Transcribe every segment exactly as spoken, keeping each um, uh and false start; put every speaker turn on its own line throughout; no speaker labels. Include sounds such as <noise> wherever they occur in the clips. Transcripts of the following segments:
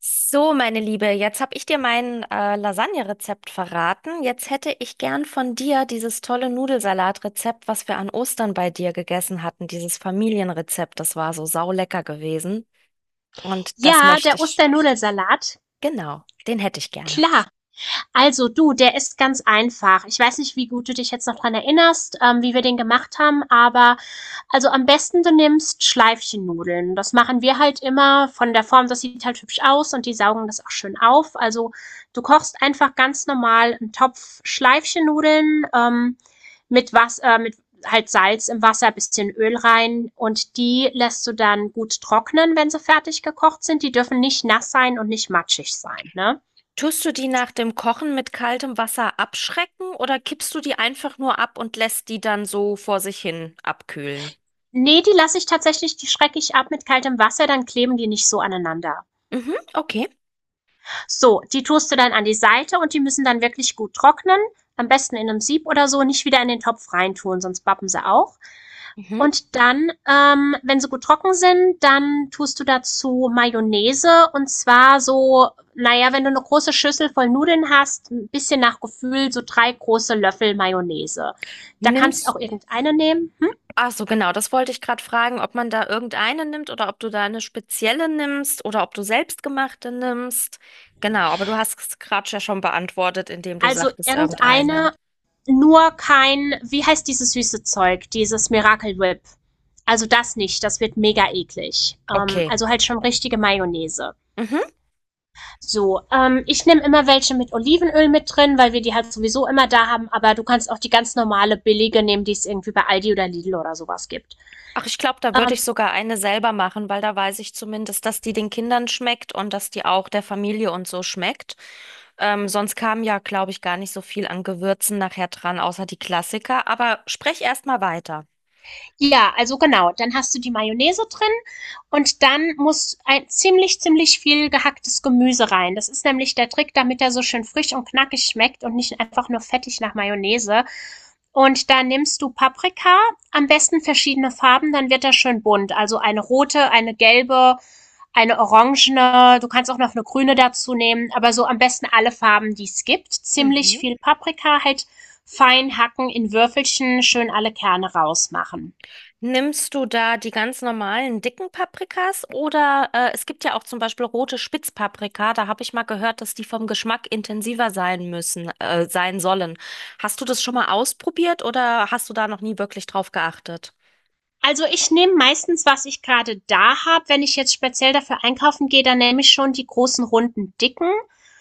So, meine Liebe, jetzt habe ich dir mein äh, Lasagne-Rezept verraten. Jetzt hätte ich gern von dir dieses tolle Nudelsalat-Rezept, was wir an Ostern bei dir gegessen hatten, dieses Familienrezept. Das war so saulecker gewesen. Und das
Ja,
möchte
der
ich.
Osternudelsalat,
Genau, den hätte ich gerne.
klar. Also du, der ist ganz einfach. Ich weiß nicht, wie gut du dich jetzt noch dran erinnerst, ähm, wie wir den gemacht haben, aber also am besten du nimmst Schleifchennudeln. Das machen wir halt immer von der Form, das sieht halt hübsch aus und die saugen das auch schön auf. Also du kochst einfach ganz normal einen Topf Schleifchennudeln ähm, mit was, äh, mit halt Salz im Wasser, bisschen Öl rein und die lässt du dann gut trocknen, wenn sie fertig gekocht sind. Die dürfen nicht nass sein und nicht matschig sein, ne?
Tust du die nach dem Kochen mit kaltem Wasser abschrecken oder kippst du die einfach nur ab und lässt die dann so vor sich hin abkühlen?
Nee, die lasse ich tatsächlich die schrecke ich ab mit kaltem Wasser, dann kleben die nicht so aneinander.
Mhm, okay.
So, die tust du dann an die Seite und die müssen dann wirklich gut trocknen. Am besten in einem Sieb oder so, nicht wieder in den Topf reintun, sonst bappen sie auch.
Mhm.
Und dann, ähm, wenn sie gut trocken sind, dann tust du dazu Mayonnaise, und zwar so naja, wenn du eine große Schüssel voll Nudeln hast, 'n bisschen nach Gefühl so drei große Löffel Mayonnaise. Da kannst auch
Nimmst.
irgendeine nehmen.
Ach so, genau, das wollte ich gerade fragen, ob man da irgendeine nimmt oder ob du da eine spezielle nimmst oder ob du selbstgemachte nimmst. Genau, aber du hast es gerade ja schon beantwortet, indem du
Also
sagtest irgendeine.
irgendeine, nur kein, wie heißt dieses süße Zeug, dieses Miracle Whip. Also das nicht, das wird mega eklig. Ähm,
Okay.
also halt schon richtige Mayonnaise.
Mhm.
So, ähm, ich nehme immer welche mit Olivenöl mit drin, weil wir die halt sowieso immer da haben, aber du kannst auch die ganz normale billige nehmen, die es irgendwie bei Aldi oder Lidl oder sowas gibt.
Ach, ich glaube, da würde
Ähm,
ich sogar eine selber machen, weil da weiß ich zumindest, dass die den Kindern schmeckt und dass die auch der Familie und so schmeckt. Ähm, sonst kam ja, glaube ich, gar nicht so viel an Gewürzen nachher dran, außer die Klassiker. Aber sprech erst mal weiter.
Ja, also genau. Dann hast du die Mayonnaise drin und dann muss ein ziemlich, ziemlich viel gehacktes Gemüse rein. Das ist nämlich der Trick, damit er so schön frisch und knackig schmeckt und nicht einfach nur fettig nach Mayonnaise. Und da nimmst du Paprika, am besten verschiedene Farben, dann wird er schön bunt. Also eine rote, eine gelbe, eine orangene, du kannst auch noch eine grüne dazu nehmen, aber so am besten alle Farben, die es gibt. Ziemlich
Mhm.
viel Paprika, halt fein hacken in Würfelchen, schön alle Kerne rausmachen.
Nimmst du da die ganz normalen dicken Paprikas oder äh, es gibt ja auch zum Beispiel rote Spitzpaprika, da habe ich mal gehört, dass die vom Geschmack intensiver sein müssen, äh, sein sollen. Hast du das schon mal ausprobiert oder hast du da noch nie wirklich drauf geachtet?
Also ich nehme meistens, was ich gerade da habe. Wenn ich jetzt speziell dafür einkaufen gehe, dann nehme ich schon die großen, runden, dicken.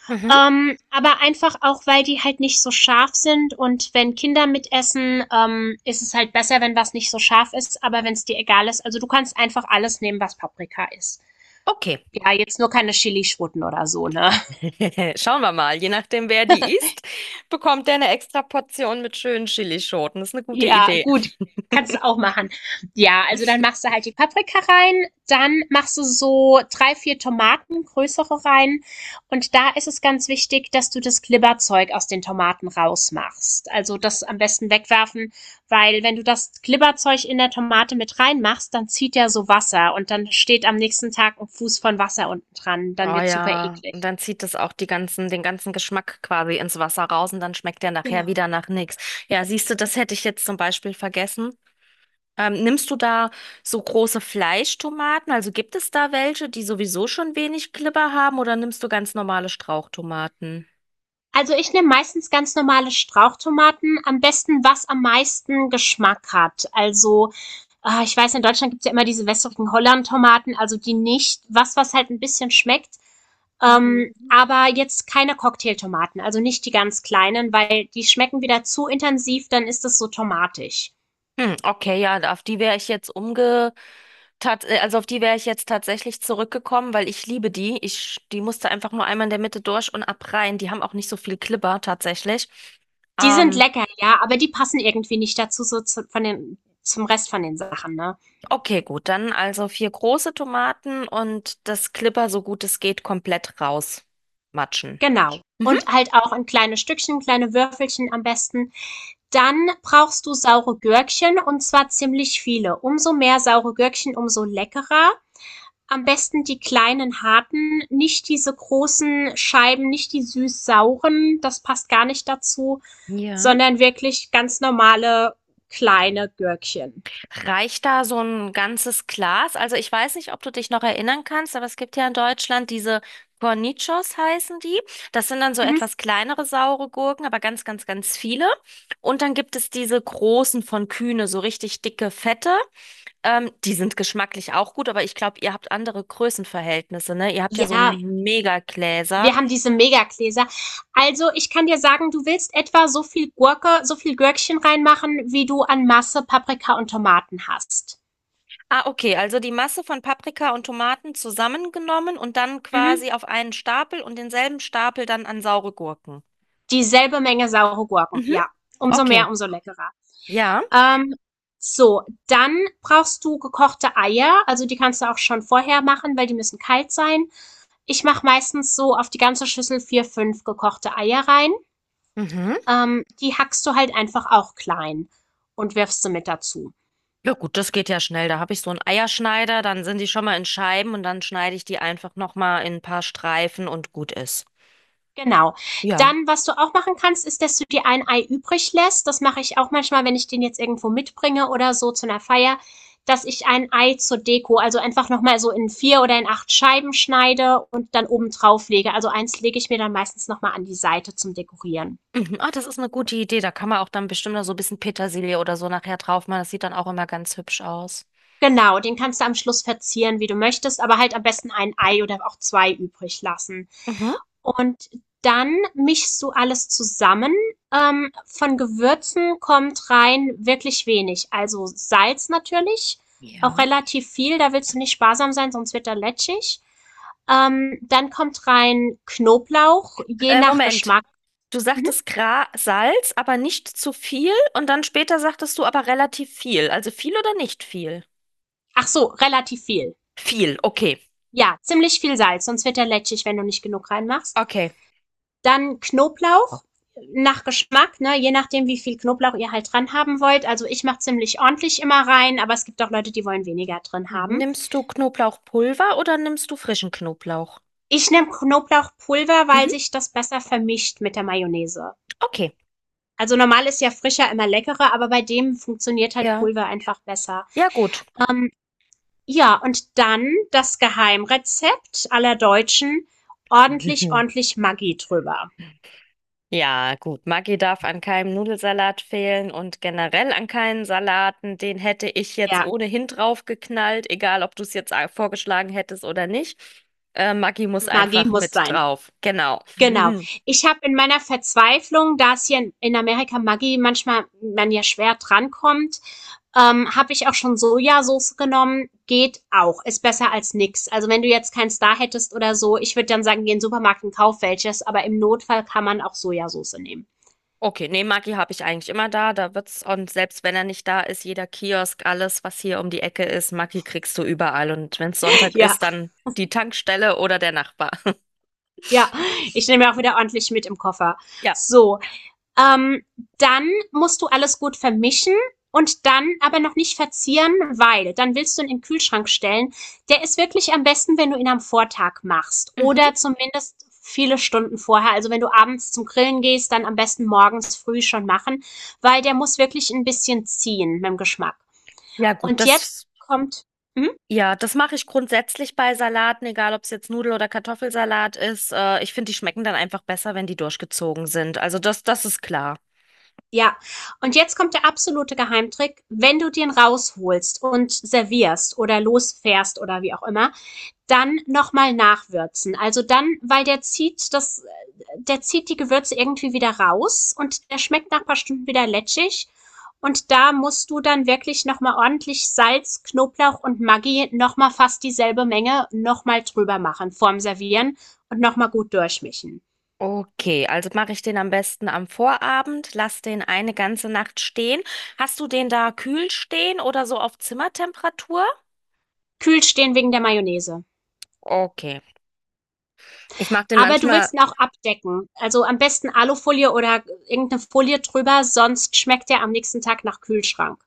Mhm.
Ähm, aber einfach auch, weil die halt nicht so scharf sind. Und wenn Kinder mitessen, ähm, ist es halt besser, wenn was nicht so scharf ist. Aber wenn es dir egal ist, also du kannst einfach alles nehmen, was Paprika ist.
Okay.
Ja, jetzt nur keine Chili-Schwutten oder so, ne?
<laughs> Schauen wir mal. Je nachdem, wer die isst, bekommt der eine extra Portion mit schönen Chilischoten. Das ist eine gute
Ja,
Idee.
gut. Kannst du auch machen. Ja, also dann machst du
<laughs>
halt die Paprika rein, dann machst du so drei, vier Tomaten, größere rein. Und da ist es ganz wichtig, dass du das Glibberzeug aus den Tomaten rausmachst. Also das am besten wegwerfen, weil wenn du das Glibberzeug in der Tomate mit reinmachst, dann zieht ja so Wasser und dann steht am nächsten Tag ein Fuß von Wasser unten dran. Dann
Oh
wird super
ja,
eklig.
und dann zieht es auch die ganzen, den ganzen Geschmack quasi ins Wasser raus und dann schmeckt der nachher
Genau.
wieder nach nichts. Ja, siehst du, das hätte ich jetzt zum Beispiel vergessen. Ähm, nimmst du da so große Fleischtomaten? Also gibt es da welche, die sowieso schon wenig Glibber haben oder nimmst du ganz normale Strauchtomaten?
Also ich nehme meistens ganz normale Strauchtomaten, am besten was am meisten Geschmack hat. Also, ah, ich weiß, in Deutschland gibt's ja immer diese wässrigen Holland-Tomaten, also die nicht. Was, was halt ein bisschen schmeckt, ähm, aber jetzt keine Cocktailtomaten, also nicht die ganz kleinen, weil die schmecken wieder zu intensiv, dann ist es so tomatig.
Hm, okay, ja, auf die wäre ich jetzt umge, tat, äh, also auf die wäre ich jetzt tatsächlich zurückgekommen, weil ich liebe die. Ich, die musste einfach nur einmal in der Mitte durch und ab rein. Die haben auch nicht so viel Glibber tatsächlich.
Die sind
Ähm,
lecker, ja, aber die passen irgendwie nicht dazu, so zu von den zum Rest von den Sachen, ne?
Okay, gut, dann also vier große Tomaten und das Klipper, so gut es geht, komplett rausmatschen.
Genau.
Mhm.
Und halt auch in kleine Stückchen, kleine Würfelchen am besten. Dann brauchst du saure Gürkchen, und zwar ziemlich viele. Umso mehr saure Gürkchen, umso leckerer. Am besten die kleinen harten, nicht diese großen Scheiben, nicht die süß-sauren, das passt gar nicht dazu,
Ja.
sondern wirklich ganz normale kleine Gürkchen.
Reicht da so ein ganzes Glas? Also ich weiß nicht, ob du dich noch erinnern kannst, aber es gibt ja in Deutschland diese Cornichons heißen die. Das sind dann so
Mhm.
etwas kleinere saure Gurken, aber ganz, ganz, ganz viele. Und dann gibt es diese großen von Kühne, so richtig dicke, fette. Ähm, die sind geschmacklich auch gut, aber ich glaube, ihr habt andere Größenverhältnisse, ne? Ihr habt ja so
Ja, wir
Megagläser.
haben diese Megagläser. Also ich kann dir sagen, du willst etwa so viel Gurke, so viel Gürkchen reinmachen, wie du an Masse Paprika und Tomaten hast.
Ah, okay, also die Masse von Paprika und Tomaten zusammengenommen und dann
Mhm.
quasi auf einen Stapel und denselben Stapel dann an saure Gurken.
Dieselbe Menge saure Gurken,
Mhm,
ja. Umso
okay,
mehr, umso leckerer.
ja.
Ähm, so, dann brauchst du gekochte Eier. Also die kannst du auch schon vorher machen, weil die müssen kalt sein. Ich mache meistens so auf die ganze Schüssel vier, fünf gekochte Eier rein.
Mhm.
Ähm, die hackst du halt einfach auch klein und wirfst sie mit dazu.
Ja gut, das geht ja schnell. Da habe ich so einen Eierschneider, dann sind die schon mal in Scheiben und dann schneide ich die einfach nochmal in ein paar Streifen und gut ist.
Genau.
Ja.
Dann, was du auch machen kannst, ist, dass du dir ein Ei übrig lässt. Das mache ich auch manchmal, wenn ich den jetzt irgendwo mitbringe oder so zu einer Feier, dass ich ein Ei zur Deko, also einfach nochmal so in vier oder in acht Scheiben schneide und dann oben drauf lege. Also eins lege ich mir dann meistens nochmal an die Seite zum Dekorieren.
Mhm. Ah, das ist eine gute Idee. Da kann man auch dann bestimmt noch so ein bisschen Petersilie oder so nachher drauf machen. Das sieht dann auch immer ganz hübsch aus.
Genau, den kannst du am Schluss verzieren, wie du möchtest, aber halt am besten ein Ei oder auch zwei übrig lassen.
Mhm.
Und dann mischst du alles zusammen. Ähm, von Gewürzen kommt rein wirklich wenig. Also Salz natürlich, auch
Ja.
relativ viel, da willst du nicht sparsam sein, sonst wird er lätschig. Ähm, dann kommt rein Knoblauch, je
Äh,
nach
Moment.
Geschmack.
Du
Mhm.
sagtest Gra Salz, aber nicht zu viel. Und dann später sagtest du aber relativ viel. Also viel oder nicht viel?
Ach so, relativ viel.
Viel, okay.
Ja, ziemlich viel Salz, sonst wird er lätschig, wenn du nicht genug reinmachst.
Okay.
Dann Knoblauch nach Geschmack, ne? Je nachdem, wie viel Knoblauch ihr halt dran haben wollt. Also ich mache ziemlich ordentlich immer rein, aber es gibt auch Leute, die wollen weniger drin haben.
Nimmst du Knoblauchpulver oder nimmst du frischen Knoblauch?
Ich nehme Knoblauchpulver, weil
Mhm,
sich das besser vermischt mit der Mayonnaise.
okay.
Also normal ist ja frischer immer leckerer, aber bei dem funktioniert halt
Ja.
Pulver einfach besser.
Ja, gut.
Ähm, ja, und dann das Geheimrezept aller Deutschen. Ordentlich,
<laughs>
ordentlich Maggi drüber.
Ja, gut. Maggi darf an keinem Nudelsalat fehlen und generell an keinen Salaten. Den hätte ich jetzt
Ja,
ohnehin draufgeknallt, egal ob du es jetzt a- vorgeschlagen hättest oder nicht. Äh, Maggi muss
Maggi
einfach
muss
mit
sein.
drauf. Genau.
Genau.
<laughs>
Ich habe in meiner Verzweiflung, da es hier in in Amerika Maggi manchmal man ja schwer drankommt, ähm, habe ich auch schon Sojasauce genommen. Geht auch. Ist besser als nix. Also wenn du jetzt keins da hättest oder so, ich würde dann sagen, geh in den Supermarkt und kauf welches, aber im Notfall kann man auch Sojasauce nehmen.
Okay, nee, Maggi habe ich eigentlich immer da. Da wird's, und selbst wenn er nicht da ist, jeder Kiosk, alles, was hier um die Ecke ist, Maggi kriegst du überall. Und wenn's
<laughs>
Sonntag
Ja,
ist, dann die Tankstelle oder der Nachbar. <laughs>
ja. Ich nehme ja auch wieder ordentlich mit im Koffer.
Ja.
So. Ähm, Dann musst du alles gut vermischen und dann aber noch nicht verzieren, weil dann willst du ihn in den Kühlschrank stellen. Der ist wirklich am besten, wenn du ihn am Vortag machst oder
Mhm.
zumindest viele Stunden vorher. Also wenn du abends zum Grillen gehst, dann am besten morgens früh schon machen, weil der muss wirklich ein bisschen ziehen mit dem Geschmack.
Ja, gut,
Und jetzt
das,
kommt, hm?
ja, das mache ich grundsätzlich bei Salaten, egal ob es jetzt Nudel- oder Kartoffelsalat ist. Äh, ich finde, die schmecken dann einfach besser, wenn die durchgezogen sind. Also das, das ist klar.
Ja, und jetzt kommt der absolute Geheimtrick, wenn du den rausholst und servierst oder losfährst oder wie auch immer, dann nochmal nachwürzen. Also dann, weil der zieht das, der zieht die Gewürze irgendwie wieder raus und der schmeckt nach ein paar Stunden wieder lätschig. Und da musst du dann wirklich nochmal ordentlich Salz, Knoblauch und Maggi, nochmal fast dieselbe Menge, nochmal drüber machen vorm Servieren und nochmal gut durchmischen.
Okay, also mache ich den am besten am Vorabend, lass den eine ganze Nacht stehen. Hast du den da kühl stehen oder so auf Zimmertemperatur?
Kühl stehen wegen der Mayonnaise.
Okay. Ich mache den
Aber du
manchmal.
willst ihn auch abdecken. Also am besten Alufolie oder irgendeine Folie drüber, sonst schmeckt er am nächsten Tag nach Kühlschrank.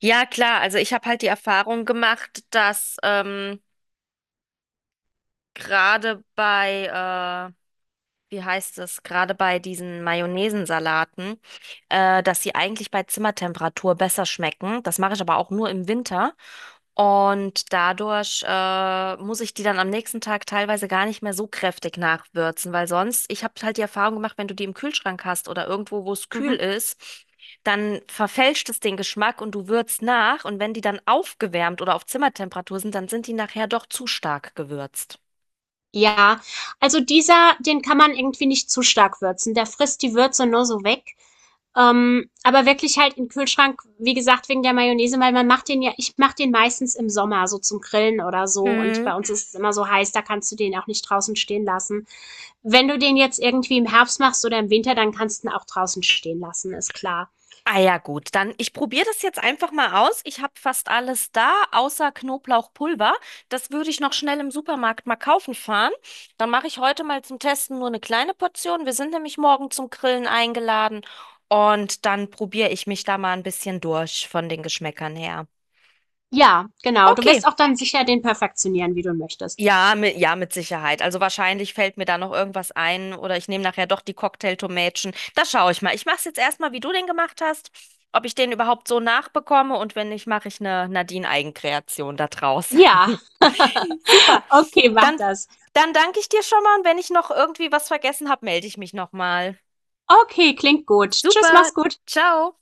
Ja, klar, also ich habe halt die Erfahrung gemacht, dass ähm, gerade bei, äh, wie heißt es, gerade bei diesen Mayonnaisensalaten, äh, dass sie eigentlich bei Zimmertemperatur besser schmecken. Das mache ich aber auch nur im Winter. Und dadurch äh, muss ich die dann am nächsten Tag teilweise gar nicht mehr so kräftig nachwürzen, weil sonst, ich habe halt die Erfahrung gemacht, wenn du die im Kühlschrank hast oder irgendwo, wo es kühl
Mhm.
ist, dann verfälscht es den Geschmack und du würzt nach. Und wenn die dann aufgewärmt oder auf Zimmertemperatur sind, dann sind die nachher doch zu stark gewürzt.
Ja, also dieser, den kann man irgendwie nicht zu stark würzen. Der frisst die Würze nur so weg. Ähm, aber wirklich halt im Kühlschrank, wie gesagt, wegen der Mayonnaise, weil man macht den ja, ich mache den meistens im Sommer, so zum Grillen oder so. Und
Hm.
bei uns ist es immer so heiß, da kannst du den auch nicht draußen stehen lassen. Wenn du den jetzt irgendwie im Herbst machst oder im Winter, dann kannst du ihn auch draußen stehen lassen, ist klar.
Ah ja, gut, dann ich probiere das jetzt einfach mal aus. Ich habe fast alles da, außer Knoblauchpulver. Das würde ich noch schnell im Supermarkt mal kaufen fahren. Dann mache ich heute mal zum Testen nur eine kleine Portion. Wir sind nämlich morgen zum Grillen eingeladen und dann probiere ich mich da mal ein bisschen durch von den Geschmäckern her.
Ja, genau. Du wirst
Okay.
auch dann sicher den perfektionieren, wie du möchtest.
Ja, mit, ja, mit Sicherheit. Also wahrscheinlich fällt mir da noch irgendwas ein oder ich nehme nachher doch die Cocktailtomätchen. Da schaue ich mal. Ich mache es jetzt erstmal, wie du den gemacht hast, ob ich den überhaupt so nachbekomme und wenn nicht, mache ich eine Nadine-Eigenkreation da draus. <laughs>
Ja. <laughs>
Super.
Okay, mach
Dann,
das.
dann danke ich dir schon mal und wenn ich noch irgendwie was vergessen habe, melde ich mich nochmal.
Okay, klingt gut. Tschüss,
Super.
mach's gut.
Ciao.